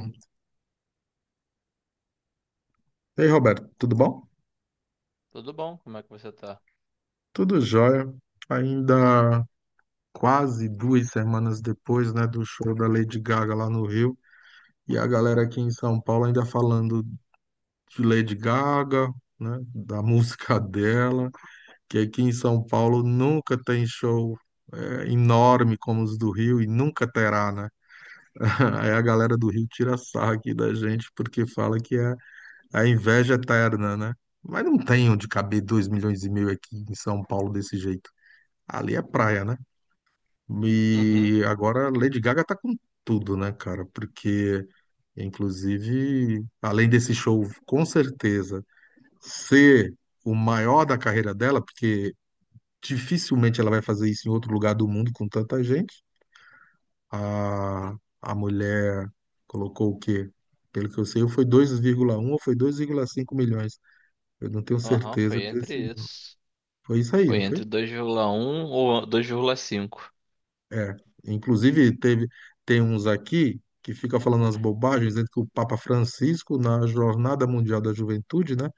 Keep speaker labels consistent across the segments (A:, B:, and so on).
A: E aí, Roberto, tudo bom?
B: Tudo bom? Como é que você tá?
A: Tudo jóia. Ainda quase 2 semanas depois, né, do show da Lady Gaga lá no Rio, e a galera aqui em São Paulo ainda falando de Lady Gaga, né, da música dela, que aqui em São Paulo nunca tem show enorme como os do Rio e nunca terá, né? Aí a galera do Rio tira sarro aqui da gente porque fala que é a inveja eterna, né? Mas não tem onde caber 2,5 milhões aqui em São Paulo desse jeito. Ali é praia, né?
B: Uhum.
A: E agora Lady Gaga tá com tudo, né, cara? Porque, inclusive, além desse show, com certeza, ser o maior da carreira dela, porque dificilmente ela vai fazer isso em outro lugar do mundo com tanta gente. A, a mulher colocou o quê? Pelo que eu sei, foi 2,1 ou foi 2,5 milhões. Eu não tenho
B: Aham,
A: certeza
B: foi entre
A: desse.
B: isso.
A: Foi isso aí,
B: Foi
A: não foi?
B: entre dois, vírgula um ou dois, vírgula cinco.
A: É, inclusive teve tem uns aqui que fica falando as bobagens dentro que o Papa Francisco na Jornada Mundial da Juventude, né,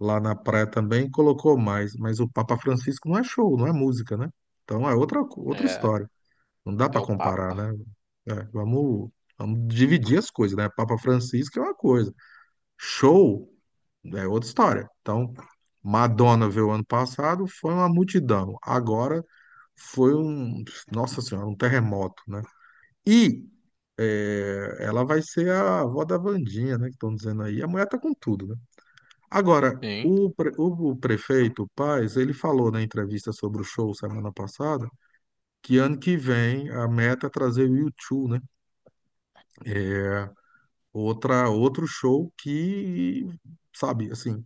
A: lá na praia também colocou mais, mas o Papa Francisco não é show, não é música, né? Então é outra
B: É,
A: história. Não dá
B: é
A: para
B: o
A: comparar,
B: Papa.
A: né? É, vamos dividir as coisas, né? Papa Francisco é uma coisa, show é outra história. Então Madonna veio ano passado, foi uma multidão. Agora foi um, nossa senhora, um terremoto, né? E ela vai ser a avó da Wandinha, né? Que estão dizendo aí. A mulher tá com tudo, né? Agora,
B: Sim.
A: o prefeito Paes, ele falou na entrevista sobre o show semana passada que ano que vem a meta é trazer o U2, né? É outra outro show que, sabe, assim,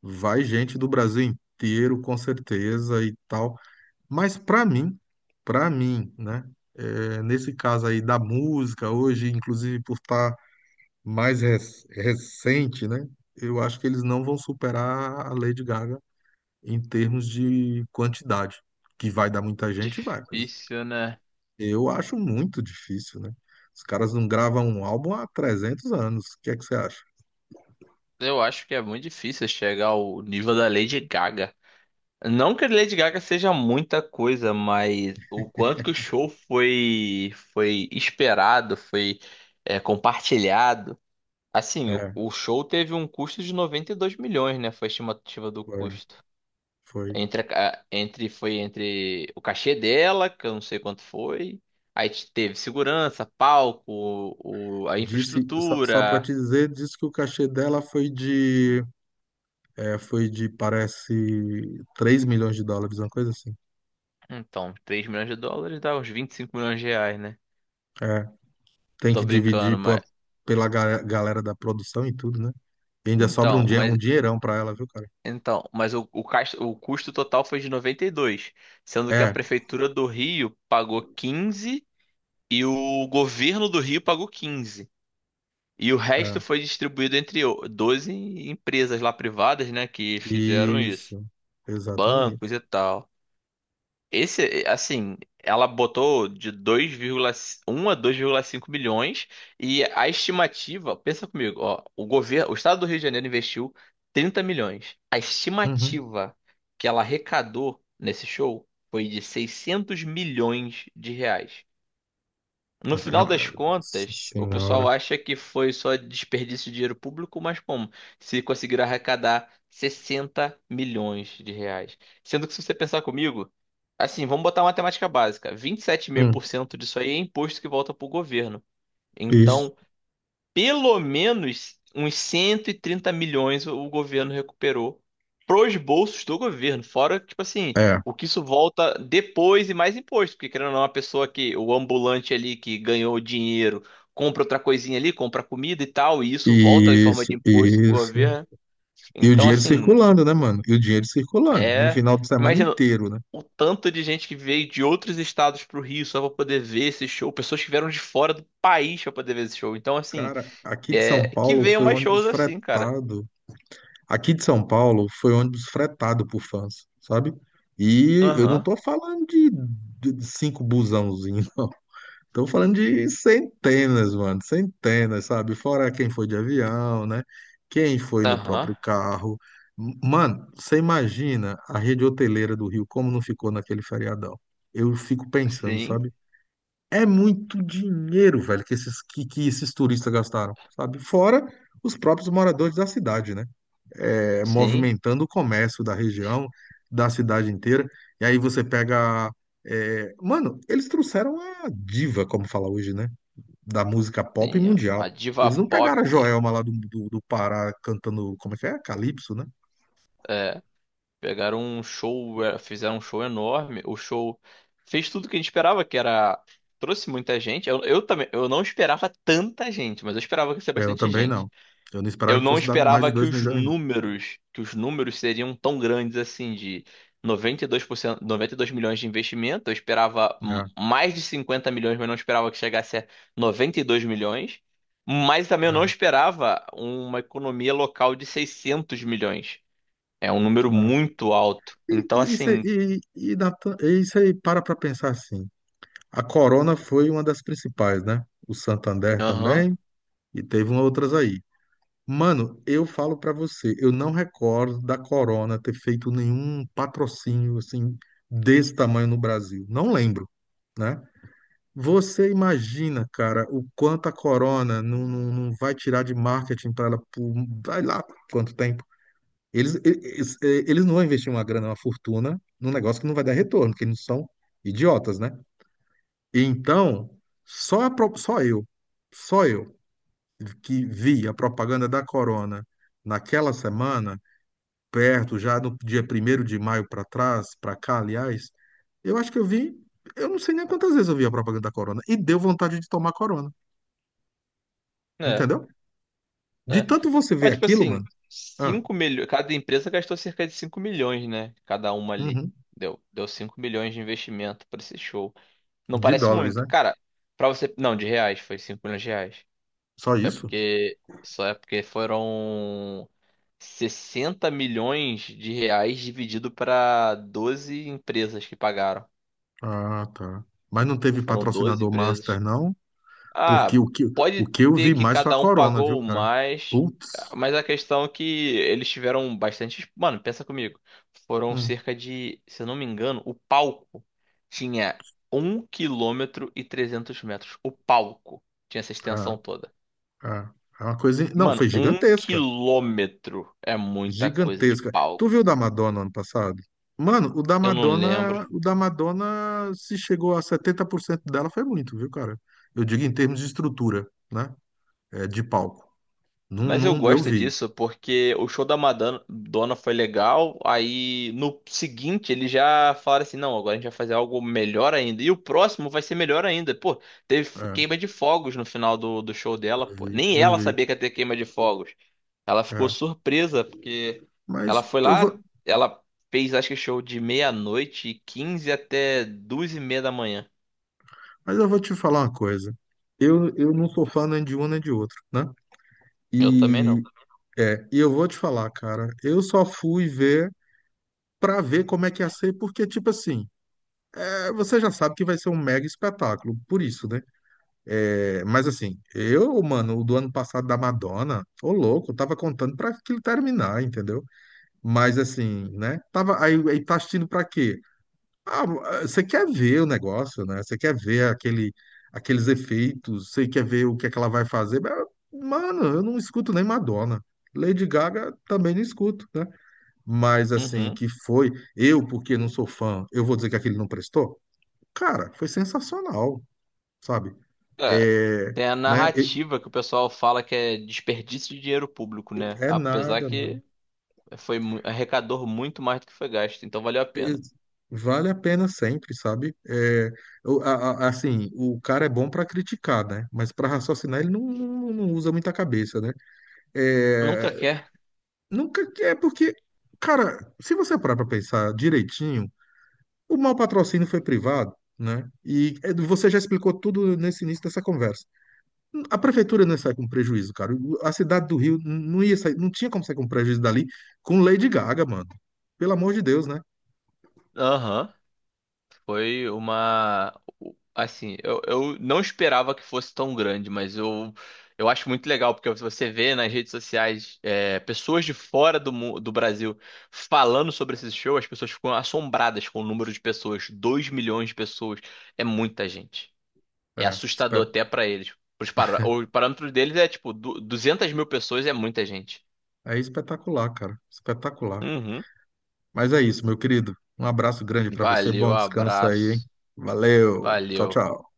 A: vai gente do Brasil inteiro com certeza e tal. Mas para mim, né, nesse caso aí da música hoje, inclusive por estar mais recente, né? Eu acho que eles não vão superar a Lady Gaga em termos de quantidade, que vai dar muita gente, vai, mas
B: Difícil, né?
A: eu acho muito difícil, né? Os caras não gravam um álbum há 300 anos. O que é que você acha?
B: Eu acho que é muito difícil chegar ao nível da Lady Gaga. Não que a Lady Gaga seja muita coisa, mas o quanto que o show foi esperado, foi compartilhado. Assim,
A: É,
B: o show teve um custo de 92 milhões, né? Foi a estimativa do
A: foi,
B: custo.
A: foi.
B: Entre, a ca- entre, foi entre o cachê dela, que eu não sei quanto foi. Aí teve segurança, palco, a
A: Disse, só para
B: infraestrutura.
A: te dizer, disse que o cachê dela foi de, parece, US$ 3 milhões, uma coisa assim.
B: Então, três milhões de dólares dá uns 25 milhões de reais, né?
A: É, tem
B: Tô
A: que dividir
B: brincando, mas.
A: pô, pela galera da produção e tudo, né? E ainda sobra um
B: Então,
A: dia,
B: mas.
A: um dinheirão pra ela, viu, cara?
B: Então, mas o custo total foi de noventa e dois, sendo que a
A: É,
B: prefeitura do Rio pagou 15 e o governo do Rio pagou quinze. E o resto
A: é.
B: foi distribuído entre 12 empresas lá privadas, né, que fizeram isso,
A: Isso. Exatamente.
B: bancos e tal. Esse, assim, ela botou de 2,1 a dois vírgula cinco milhões. E a estimativa, pensa comigo, ó, o governo, o estado do Rio de Janeiro investiu 30 milhões. A
A: Uhum.
B: estimativa que ela arrecadou nesse show foi de 600 milhões de reais. No final das
A: Nossa
B: contas, o
A: senhora.
B: pessoal acha que foi só desperdício de dinheiro público, mas como? Se conseguiram arrecadar 60 milhões de reais. Sendo que se você pensar comigo, assim, vamos botar uma matemática básica. Vinte e sete vírgula cinco
A: Hum,
B: por cento disso aí é imposto que volta pro governo.
A: isso.
B: Então, pelo menos uns 130 milhões o governo recuperou pros bolsos do governo. Fora, tipo assim,
A: É.
B: o que isso volta depois e mais imposto. Porque, querendo ou não, a pessoa que, o ambulante ali que ganhou dinheiro, compra outra coisinha ali, compra comida e tal, e isso volta em forma
A: Isso,
B: de imposto pro
A: isso.
B: governo.
A: E o
B: Então,
A: dinheiro
B: assim,
A: circulando, né, mano? E o dinheiro circulando no
B: é,
A: final de semana
B: imagina
A: inteiro, né?
B: o tanto de gente que veio de outros estados pro Rio só pra poder ver esse show. Pessoas que vieram de fora do país pra poder ver esse show. Então, assim,
A: Cara, aqui de São
B: é, que
A: Paulo
B: venham
A: foi
B: mais
A: ônibus
B: shows assim, cara.
A: fretado. Aqui de São Paulo foi ônibus fretado por fãs, sabe? E eu não
B: Aham,
A: tô falando de cinco busãozinhos. Estou falando de centenas, mano, centenas, sabe? Fora quem foi de avião, né? Quem foi no
B: aham,
A: próprio carro. Mano, você imagina a rede hoteleira do Rio como não ficou naquele feriadão? Eu fico pensando,
B: sim,
A: sabe? É muito dinheiro, velho, que esses turistas gastaram, sabe? Fora os próprios moradores da cidade, né? É,
B: sim,
A: movimentando o comércio da região, da cidade inteira. E aí você pega. Mano, eles trouxeram a diva, como fala hoje, né? Da música pop
B: sim. Ó.
A: mundial.
B: A diva
A: Eles não
B: pop,
A: pegaram a Joelma lá do Pará cantando, como é que é? Calypso, né?
B: é, pegaram um show, é, fizeram um show enorme. O show fez tudo o que a gente esperava, que era... Trouxe muita gente. Eu também, eu não esperava tanta gente, mas eu esperava que ia ser
A: É, eu
B: bastante
A: também
B: gente.
A: não. Eu não
B: Eu
A: esperava que
B: não
A: fosse dar mais
B: esperava
A: de dois milhões, não.
B: que os números seriam tão grandes assim, de 92%, 92 milhões de investimento. Eu esperava
A: É,
B: mais de 50 milhões, mas não esperava que chegasse a 92 milhões. Mas também eu não
A: é,
B: esperava uma economia local de 600 milhões. É um número
A: é.
B: muito alto. Então,
A: E isso
B: assim,
A: aí, e Natan- e isso aí, para pra pensar assim. A Corona foi uma das principais, né? O Santander
B: aham,
A: também, e teve umas outras aí. Mano, eu falo pra você, eu não recordo da Corona ter feito nenhum patrocínio assim desse tamanho no Brasil. Não lembro, né? Você imagina, cara, o quanto a Corona não vai tirar de marketing para ela por, vai lá quanto tempo. Eles não vão investir uma grana, uma fortuna num negócio que não vai dar retorno, porque eles são idiotas, né? Então, só, a pro- só eu, só eu que vi a propaganda da Corona naquela semana, perto, já no dia 1º de maio para trás, para cá, aliás, eu acho que eu vi, eu não sei nem quantas vezes eu vi a propaganda da Corona, e deu vontade de tomar Corona. Entendeu? De
B: é.
A: tanto você ver
B: Mas, tipo
A: aquilo, mano.
B: assim,
A: Ah,
B: cinco milhões. Cada empresa gastou cerca de 5 milhões, né? Cada uma ali.
A: uhum.
B: Deu 5 milhões de investimento pra esse show. Não
A: De
B: parece
A: dólares, né?
B: muito. Cara, pra você. Não, de reais, foi 5 milhões de reais.
A: Só
B: É
A: isso?
B: porque. Só é porque foram 60 milhões de reais dividido pra 12 empresas que pagaram.
A: Ah, tá. Mas não teve
B: Foram 12
A: patrocinador master,
B: empresas.
A: não? Porque
B: Ah,
A: o que, o
B: pode
A: que eu
B: ter
A: vi
B: que
A: mais foi a
B: cada um
A: Corona, viu,
B: pagou
A: cara?
B: mais,
A: Putz.
B: mas a questão é que eles tiveram bastante. Mano, pensa comigo. Foram
A: Hum.
B: cerca de, se eu não me engano, o palco tinha um quilômetro e 300 metros. O palco tinha essa
A: Ah,
B: extensão toda.
A: ah. É uma coisa. Não, foi
B: Mano, um
A: gigantesca.
B: quilômetro é muita coisa de
A: Gigantesca. Tu
B: palco.
A: viu o da Madonna ano passado? Mano, o da
B: Eu não lembro.
A: Madonna, o da Madonna, se chegou a 70% dela, foi muito, viu, cara? Eu digo em termos de estrutura, né? É, de palco. Não,
B: Mas eu
A: não, eu
B: gosto
A: vi.
B: disso porque o show da Madonna foi legal. Aí no seguinte eles já falaram assim: não, agora a gente vai fazer algo melhor ainda. E o próximo vai ser melhor ainda. Pô, teve
A: É.
B: queima de fogos no final do show dela.
A: Eu
B: Pô.
A: vi,
B: Nem
A: eu
B: ela
A: vi.
B: sabia que ia ter queima de fogos. Ela ficou
A: É.
B: surpresa porque ela
A: Mas
B: foi
A: eu
B: lá,
A: vou,
B: ela fez acho que show de meia-noite e 15 até duas e meia da manhã.
A: mas eu vou te falar uma coisa. Eu não sou fã nem de um nem de outro, né?
B: Eu também
A: E,
B: não.
A: e eu vou te falar, cara, eu só fui ver pra ver como é que ia ser, porque, tipo assim, você já sabe que vai ser um mega espetáculo, por isso, né? É, mas assim, eu, mano, o do ano passado da Madonna, ô louco, eu tava contando pra aquilo terminar, entendeu? Mas assim, né? Tava, aí tá assistindo pra quê? Ah, você quer ver o negócio, né? Você quer ver aqueles efeitos, você quer ver o que é que ela vai fazer. Mas, mano, eu não escuto nem Madonna. Lady Gaga também não escuto, né? Mas assim,
B: Uhum.
A: que foi, eu, porque não sou fã, eu vou dizer que aquele não prestou? Cara, foi sensacional, sabe?
B: É,
A: É,
B: tem a
A: né?
B: narrativa que o pessoal fala que é desperdício de dinheiro público, né?
A: É
B: Apesar
A: nada, mano.
B: que arrecadou muito mais do que foi gasto, então valeu a pena.
A: Vale a pena sempre, sabe? É, eu- a- assim, o cara é bom pra criticar, né? Mas pra raciocinar ele não usa muita cabeça, né? É,
B: Nunca quer.
A: nunca é porque, cara, se você parar para pensar direitinho, o mau patrocínio foi privado, né? E você já explicou tudo nesse início dessa conversa. A prefeitura não sai com prejuízo, cara. A cidade do Rio não ia sair, não tinha como sair com prejuízo dali com Lady Gaga, mano. Pelo amor de Deus, né?
B: Aham. Foi uma. Assim, eu não esperava que fosse tão grande, mas eu acho muito legal, porque você vê nas redes sociais é, pessoas de fora do Brasil falando sobre esse show, as pessoas ficam assombradas com o número de pessoas. 2 milhões de pessoas. É muita gente. É
A: É, espe-
B: assustador até pra eles. O parâmetro deles é tipo 200 mil pessoas é muita gente.
A: é espetacular, cara. Espetacular.
B: Uhum.
A: Mas é isso, meu querido. Um abraço grande para você.
B: Valeu,
A: Bom descanso aí, hein?
B: abraço.
A: Valeu. Tchau,
B: Valeu.
A: tchau.